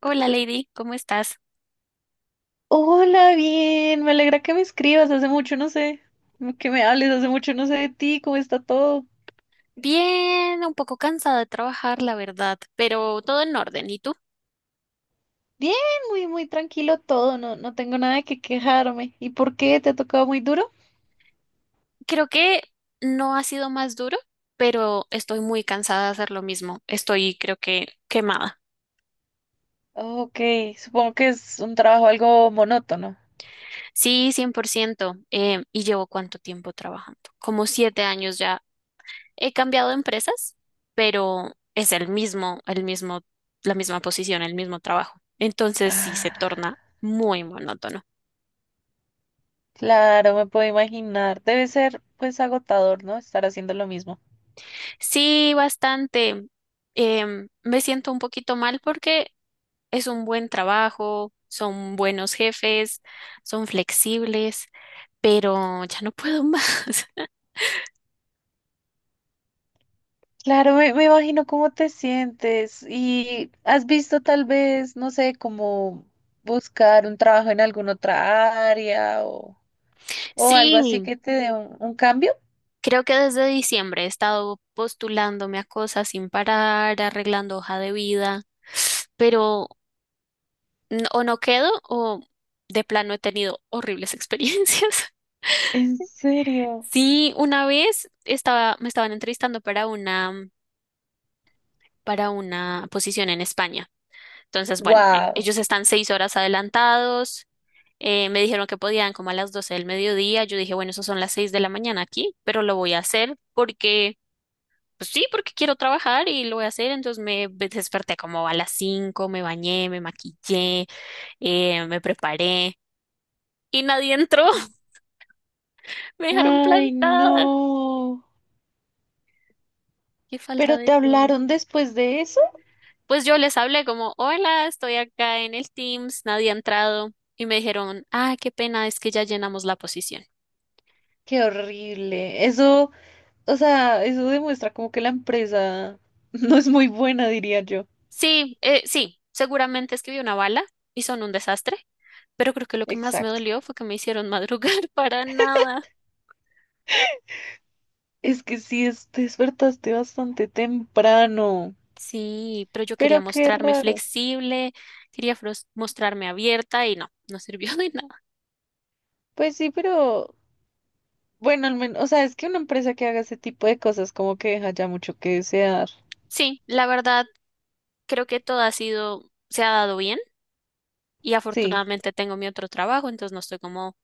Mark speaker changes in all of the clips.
Speaker 1: Hola Lady, ¿cómo estás?
Speaker 2: Hola, bien, me alegra que me escribas, hace mucho no sé, que me hables, hace mucho no sé de ti, ¿cómo está todo?
Speaker 1: Bien, un poco cansada de trabajar, la verdad, pero todo en orden. ¿Y tú?
Speaker 2: Bien, muy, muy tranquilo todo, no tengo nada de qué quejarme. ¿Y por qué? ¿Te ha tocado muy duro?
Speaker 1: Creo que no ha sido más duro, pero estoy muy cansada de hacer lo mismo. Estoy, creo que, quemada.
Speaker 2: Ok, supongo que es un trabajo algo monótono.
Speaker 1: Sí, 100%. ¿Y llevo cuánto tiempo trabajando? Como 7 años ya. He cambiado de empresas, pero es el mismo, la misma posición, el mismo trabajo. Entonces sí se
Speaker 2: Ah,
Speaker 1: torna muy monótono.
Speaker 2: claro, me puedo imaginar, debe ser pues agotador, ¿no? Estar haciendo lo mismo.
Speaker 1: Sí, bastante. Me siento un poquito mal porque es un buen trabajo, son buenos jefes, son flexibles, pero ya no puedo más.
Speaker 2: Claro, me imagino cómo te sientes y has visto tal vez, no sé, como buscar un trabajo en alguna otra área o algo así
Speaker 1: Sí,
Speaker 2: que te dé un cambio.
Speaker 1: creo que desde diciembre he estado postulándome a cosas sin parar, arreglando hoja de vida, pero o no quedo o de plano he tenido horribles experiencias.
Speaker 2: ¿En serio?
Speaker 1: Sí, una vez estaba, me estaban entrevistando para una posición en España. Entonces, bueno,
Speaker 2: Wow.
Speaker 1: ellos están 6 horas adelantados. Me dijeron que podían como a las 12 del mediodía. Yo dije, bueno, eso son las 6 de la mañana aquí, pero lo voy a hacer porque, pues sí, porque quiero trabajar y lo voy a hacer. Entonces desperté como a las 5, me bañé, me maquillé, me preparé y nadie entró.
Speaker 2: Sí.
Speaker 1: Me dejaron
Speaker 2: Ay,
Speaker 1: plantada.
Speaker 2: no.
Speaker 1: Qué falta
Speaker 2: ¿Pero
Speaker 1: de
Speaker 2: te
Speaker 1: todo.
Speaker 2: hablaron después de eso?
Speaker 1: Pues yo les hablé como, hola, estoy acá en el Teams, nadie ha entrado. Y me dijeron, ah, qué pena, es que ya llenamos la posición.
Speaker 2: Qué horrible. Eso, o sea, eso demuestra como que la empresa no es muy buena, diría yo.
Speaker 1: Sí, sí, seguramente escribí una bala y son un desastre, pero creo que lo que más me
Speaker 2: Exacto.
Speaker 1: dolió fue que me hicieron madrugar para nada.
Speaker 2: Es que sí, te despertaste bastante temprano.
Speaker 1: Sí, pero yo quería
Speaker 2: Pero qué
Speaker 1: mostrarme
Speaker 2: raro.
Speaker 1: flexible, quería mostrarme abierta y no, no sirvió de nada.
Speaker 2: Pues sí, pero bueno, al menos, o sea, es que una empresa que haga ese tipo de cosas como que deja ya mucho que desear.
Speaker 1: Sí, la verdad, creo que todo ha sido, se ha dado bien y
Speaker 2: Sí,
Speaker 1: afortunadamente tengo mi otro trabajo, entonces no estoy como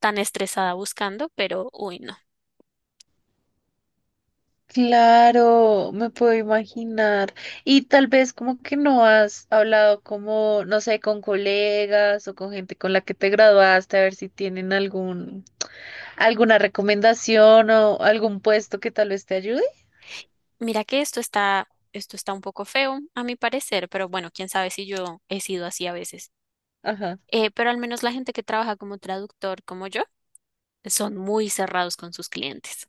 Speaker 1: tan estresada buscando, pero uy, no.
Speaker 2: claro, me puedo imaginar. Y tal vez como que no has hablado como, no sé, con colegas o con gente con la que te graduaste, a ver si tienen alguna recomendación o algún puesto que tal vez te ayude.
Speaker 1: Mira que esto está un poco feo, a mi parecer, pero bueno, quién sabe si yo he sido así a veces.
Speaker 2: Ajá.
Speaker 1: Pero al menos la gente que trabaja como traductor como yo son muy cerrados con sus clientes,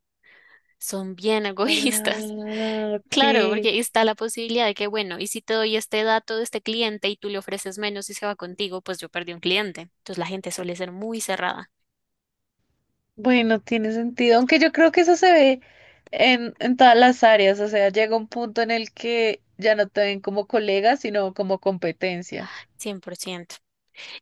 Speaker 1: son bien egoístas.
Speaker 2: Ah,
Speaker 1: Claro,
Speaker 2: ok.
Speaker 1: porque está la posibilidad de que, bueno, y si te doy este dato de este cliente y tú le ofreces menos y se va contigo, pues yo perdí un cliente. Entonces la gente suele ser muy cerrada,
Speaker 2: Bueno, tiene sentido, aunque yo creo que eso se ve en todas las áreas, o sea, llega un punto en el que ya no te ven como colega, sino como competencia.
Speaker 1: 100%.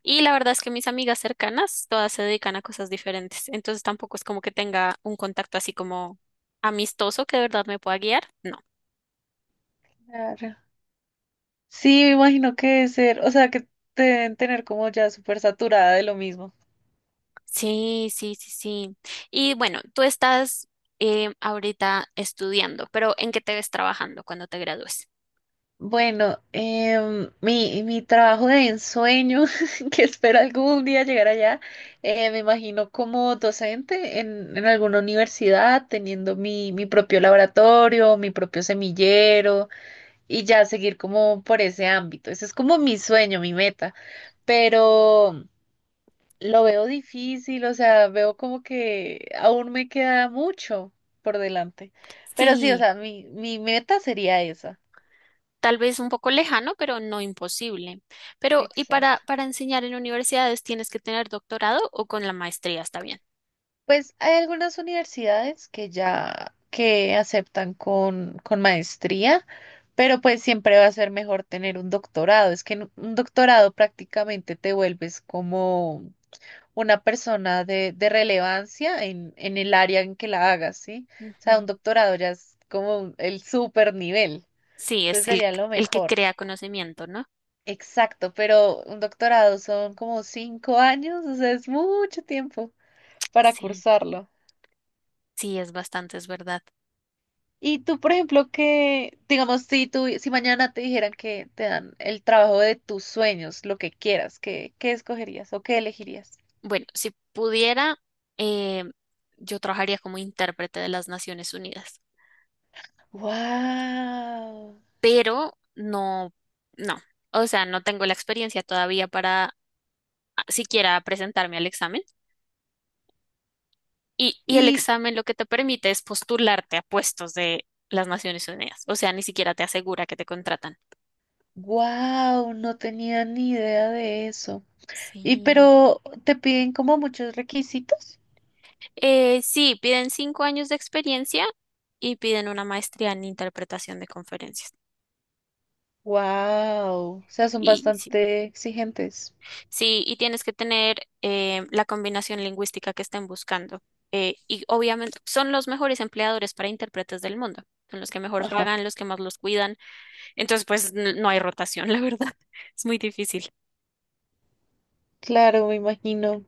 Speaker 1: Y la verdad es que mis amigas cercanas, todas se dedican a cosas diferentes. Entonces tampoco es como que tenga un contacto así como amistoso que de verdad me pueda guiar. No.
Speaker 2: Claro. Sí, me imagino que debe ser, o sea, que te deben tener como ya súper saturada de lo mismo.
Speaker 1: Sí, sí, sí, sí. Y bueno, tú estás ahorita estudiando, pero ¿en qué te ves trabajando cuando te gradúes?
Speaker 2: Bueno, mi trabajo de ensueño, que espero algún día llegar allá, me imagino como docente en alguna universidad, teniendo mi propio laboratorio, mi propio semillero y ya seguir como por ese ámbito. Ese es como mi sueño, mi meta, pero lo veo difícil, o sea, veo como que aún me queda mucho por delante. Pero sí, o
Speaker 1: Sí,
Speaker 2: sea, mi meta sería esa.
Speaker 1: tal vez un poco lejano, pero no imposible. Pero, ¿y
Speaker 2: Exacto.
Speaker 1: para enseñar en universidades tienes que tener doctorado o con la maestría está bien?
Speaker 2: Pues hay algunas universidades que ya que aceptan con maestría, pero pues siempre va a ser mejor tener un doctorado. Es que en un doctorado prácticamente te vuelves como una persona de relevancia en el área en que la hagas, ¿sí? O sea, un
Speaker 1: Ujú.
Speaker 2: doctorado ya es como el super nivel,
Speaker 1: Sí,
Speaker 2: entonces
Speaker 1: es
Speaker 2: sería lo
Speaker 1: el que
Speaker 2: mejor.
Speaker 1: crea conocimiento, ¿no?
Speaker 2: Exacto, pero un doctorado son como cinco años, o sea, es mucho tiempo para
Speaker 1: Sí,
Speaker 2: cursarlo.
Speaker 1: sí, es bastante, es verdad.
Speaker 2: Y tú, por ejemplo, que, digamos, si tú, si mañana te dijeran que te dan el trabajo de tus sueños, lo que quieras, qué escogerías o qué elegirías?
Speaker 1: Bueno, si pudiera, eh, yo trabajaría como intérprete de las Naciones Unidas,
Speaker 2: ¡Wow!
Speaker 1: pero no, no, o sea, no tengo la experiencia todavía para siquiera presentarme al examen. Y el
Speaker 2: Y
Speaker 1: examen lo que te permite es postularte a puestos de las Naciones Unidas, o sea, ni siquiera te asegura que te contratan.
Speaker 2: wow, no tenía ni idea de eso. Y
Speaker 1: Sí.
Speaker 2: pero te piden como muchos requisitos.
Speaker 1: Sí, piden 5 años de experiencia y piden una maestría en interpretación de conferencias.
Speaker 2: Wow, o sea, son
Speaker 1: Y sí.
Speaker 2: bastante exigentes.
Speaker 1: Sí, y tienes que tener la combinación lingüística que estén buscando. Y obviamente son los mejores empleadores para intérpretes del mundo. Son los que mejor
Speaker 2: Ajá.
Speaker 1: pagan, los que más los cuidan. Entonces, pues no hay rotación, la verdad. Es muy difícil.
Speaker 2: Claro, me imagino.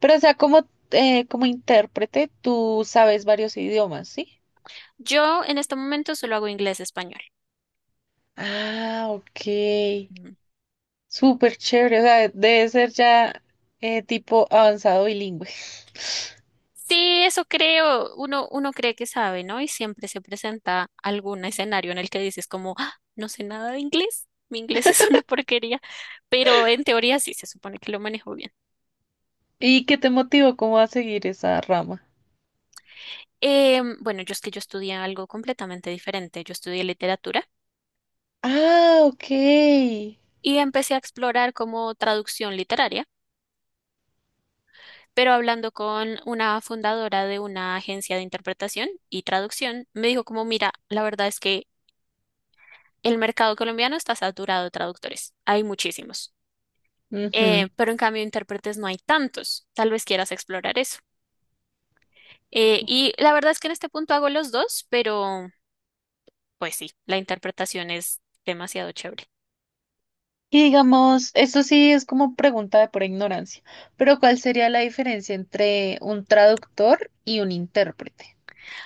Speaker 2: Pero o sea, como como intérprete, tú sabes varios idiomas, ¿sí?
Speaker 1: Yo en este momento solo hago inglés-español.
Speaker 2: Ah, ok. Súper chévere. O sea, debe ser ya tipo avanzado bilingüe.
Speaker 1: Sí, eso creo. Uno cree que sabe, ¿no? Y siempre se presenta algún escenario en el que dices como, "Ah, no sé nada de inglés. Mi inglés es una porquería." Pero en teoría sí se supone que lo manejo bien.
Speaker 2: ¿Y qué te motivó como a seguir esa rama?
Speaker 1: Bueno, yo es que yo estudié algo completamente diferente. Yo estudié literatura
Speaker 2: Ah, ok.
Speaker 1: y empecé a explorar como traducción literaria, pero hablando con una fundadora de una agencia de interpretación y traducción, me dijo como, mira, la verdad es que el mercado colombiano está saturado de traductores. Hay muchísimos.
Speaker 2: Ujú.
Speaker 1: Pero en cambio, intérpretes no hay tantos. Tal vez quieras explorar eso. Y la verdad es que en este punto hago los dos, pero pues sí, la interpretación es demasiado chévere.
Speaker 2: Y digamos, eso sí es como pregunta de por ignorancia, pero ¿cuál sería la diferencia entre un traductor y un intérprete?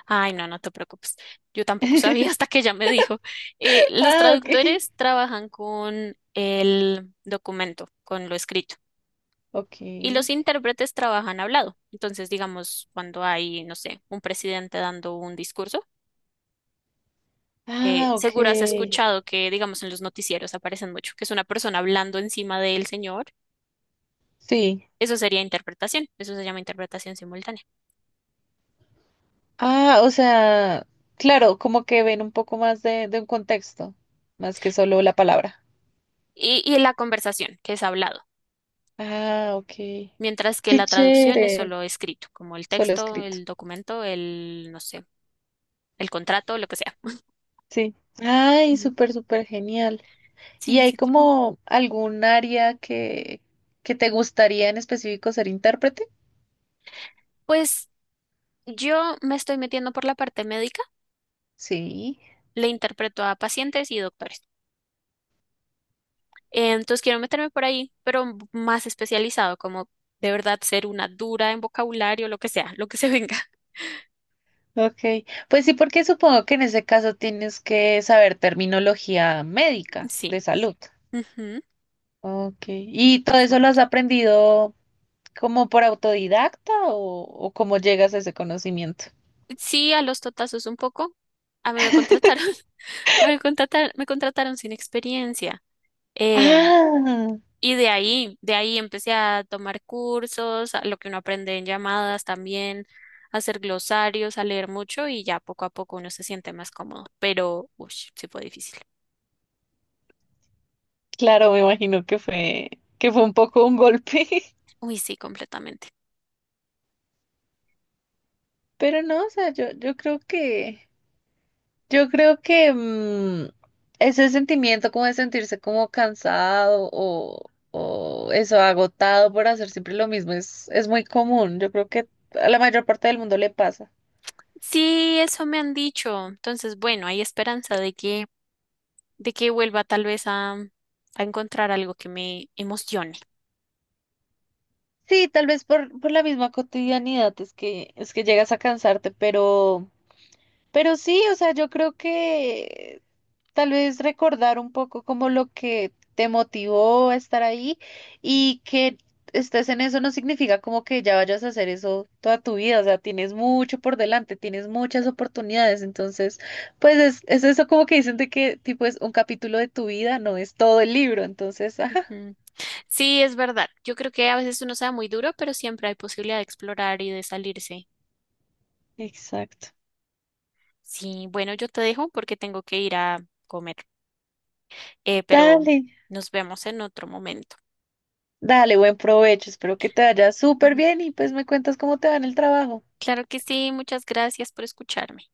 Speaker 1: Ay, no, no te preocupes. Yo tampoco sabía hasta que ella me dijo. Los
Speaker 2: Ah, ok.
Speaker 1: traductores trabajan con el documento, con lo escrito, y los
Speaker 2: Ok.
Speaker 1: intérpretes trabajan hablado. Entonces, digamos, cuando hay, no sé, un presidente dando un discurso,
Speaker 2: Ah, ok.
Speaker 1: seguro has escuchado que, digamos, en los noticieros aparecen mucho, que es una persona hablando encima del señor.
Speaker 2: Sí.
Speaker 1: Eso sería interpretación, eso se llama interpretación simultánea.
Speaker 2: Ah, o sea, claro, como que ven un poco más de un contexto, más que solo la palabra.
Speaker 1: Y la conversación, que es hablado.
Speaker 2: Ah, ok.
Speaker 1: Mientras que
Speaker 2: Qué
Speaker 1: la traducción es
Speaker 2: chévere.
Speaker 1: solo escrito, como el
Speaker 2: Solo
Speaker 1: texto,
Speaker 2: escrito.
Speaker 1: el documento, el, no sé, el contrato, lo que sea.
Speaker 2: Sí. Ay,
Speaker 1: Ujú.
Speaker 2: súper, súper genial. ¿Y
Speaker 1: Sí,
Speaker 2: hay
Speaker 1: sí, sí.
Speaker 2: como algún área que te gustaría en específico ser intérprete?
Speaker 1: Pues yo me estoy metiendo por la parte médica,
Speaker 2: Sí,
Speaker 1: le interpreto a pacientes y doctores. Entonces quiero meterme por ahí, pero más especializado, como de verdad ser una dura en vocabulario, lo que sea, lo que se venga.
Speaker 2: ok. Pues sí, porque supongo que en ese caso tienes que saber terminología médica de
Speaker 1: Sí.
Speaker 2: salud.
Speaker 1: Ujú.
Speaker 2: Ok. ¿Y todo eso lo has
Speaker 1: Exacto.
Speaker 2: aprendido como por autodidacta o cómo llegas a ese conocimiento?
Speaker 1: Sí, a los totazos un poco. A mí me contrataron, me contrataron sin experiencia. Em,
Speaker 2: Ah,
Speaker 1: Y de ahí empecé a tomar cursos, a lo que uno aprende en llamadas también, a hacer glosarios, a leer mucho y ya poco a poco uno se siente más cómodo. Pero, uy, sí fue difícil.
Speaker 2: claro, me imagino que fue un poco un golpe.
Speaker 1: Uy, sí, completamente.
Speaker 2: Pero no, o sea, yo creo que yo creo que ese sentimiento como de sentirse como cansado o eso, agotado por hacer siempre lo mismo, es muy común. Yo creo que a la mayor parte del mundo le pasa.
Speaker 1: Sí, eso me han dicho. Entonces, bueno, hay esperanza de que vuelva tal vez a encontrar algo que me emocione.
Speaker 2: Sí, tal vez por la misma cotidianidad es que llegas a cansarte, pero sí, o sea, yo creo que tal vez recordar un poco como lo que te motivó a estar ahí y que estés en eso no significa como que ya vayas a hacer eso toda tu vida, o sea, tienes mucho por delante, tienes muchas oportunidades, entonces, pues es eso como que dicen de que tipo es un capítulo de tu vida, no es todo el libro, entonces, ajá,
Speaker 1: Ujú. Sí, es verdad. Yo creo que a veces uno se da muy duro, pero siempre hay posibilidad de explorar y de salirse.
Speaker 2: exacto.
Speaker 1: Sí, bueno, yo te dejo porque tengo que ir a comer, pero
Speaker 2: Dale,
Speaker 1: nos vemos en otro momento.
Speaker 2: dale, buen provecho, espero que te vaya súper
Speaker 1: Ujú.
Speaker 2: bien y pues me cuentas cómo te va en el trabajo.
Speaker 1: Claro que sí, muchas gracias por escucharme.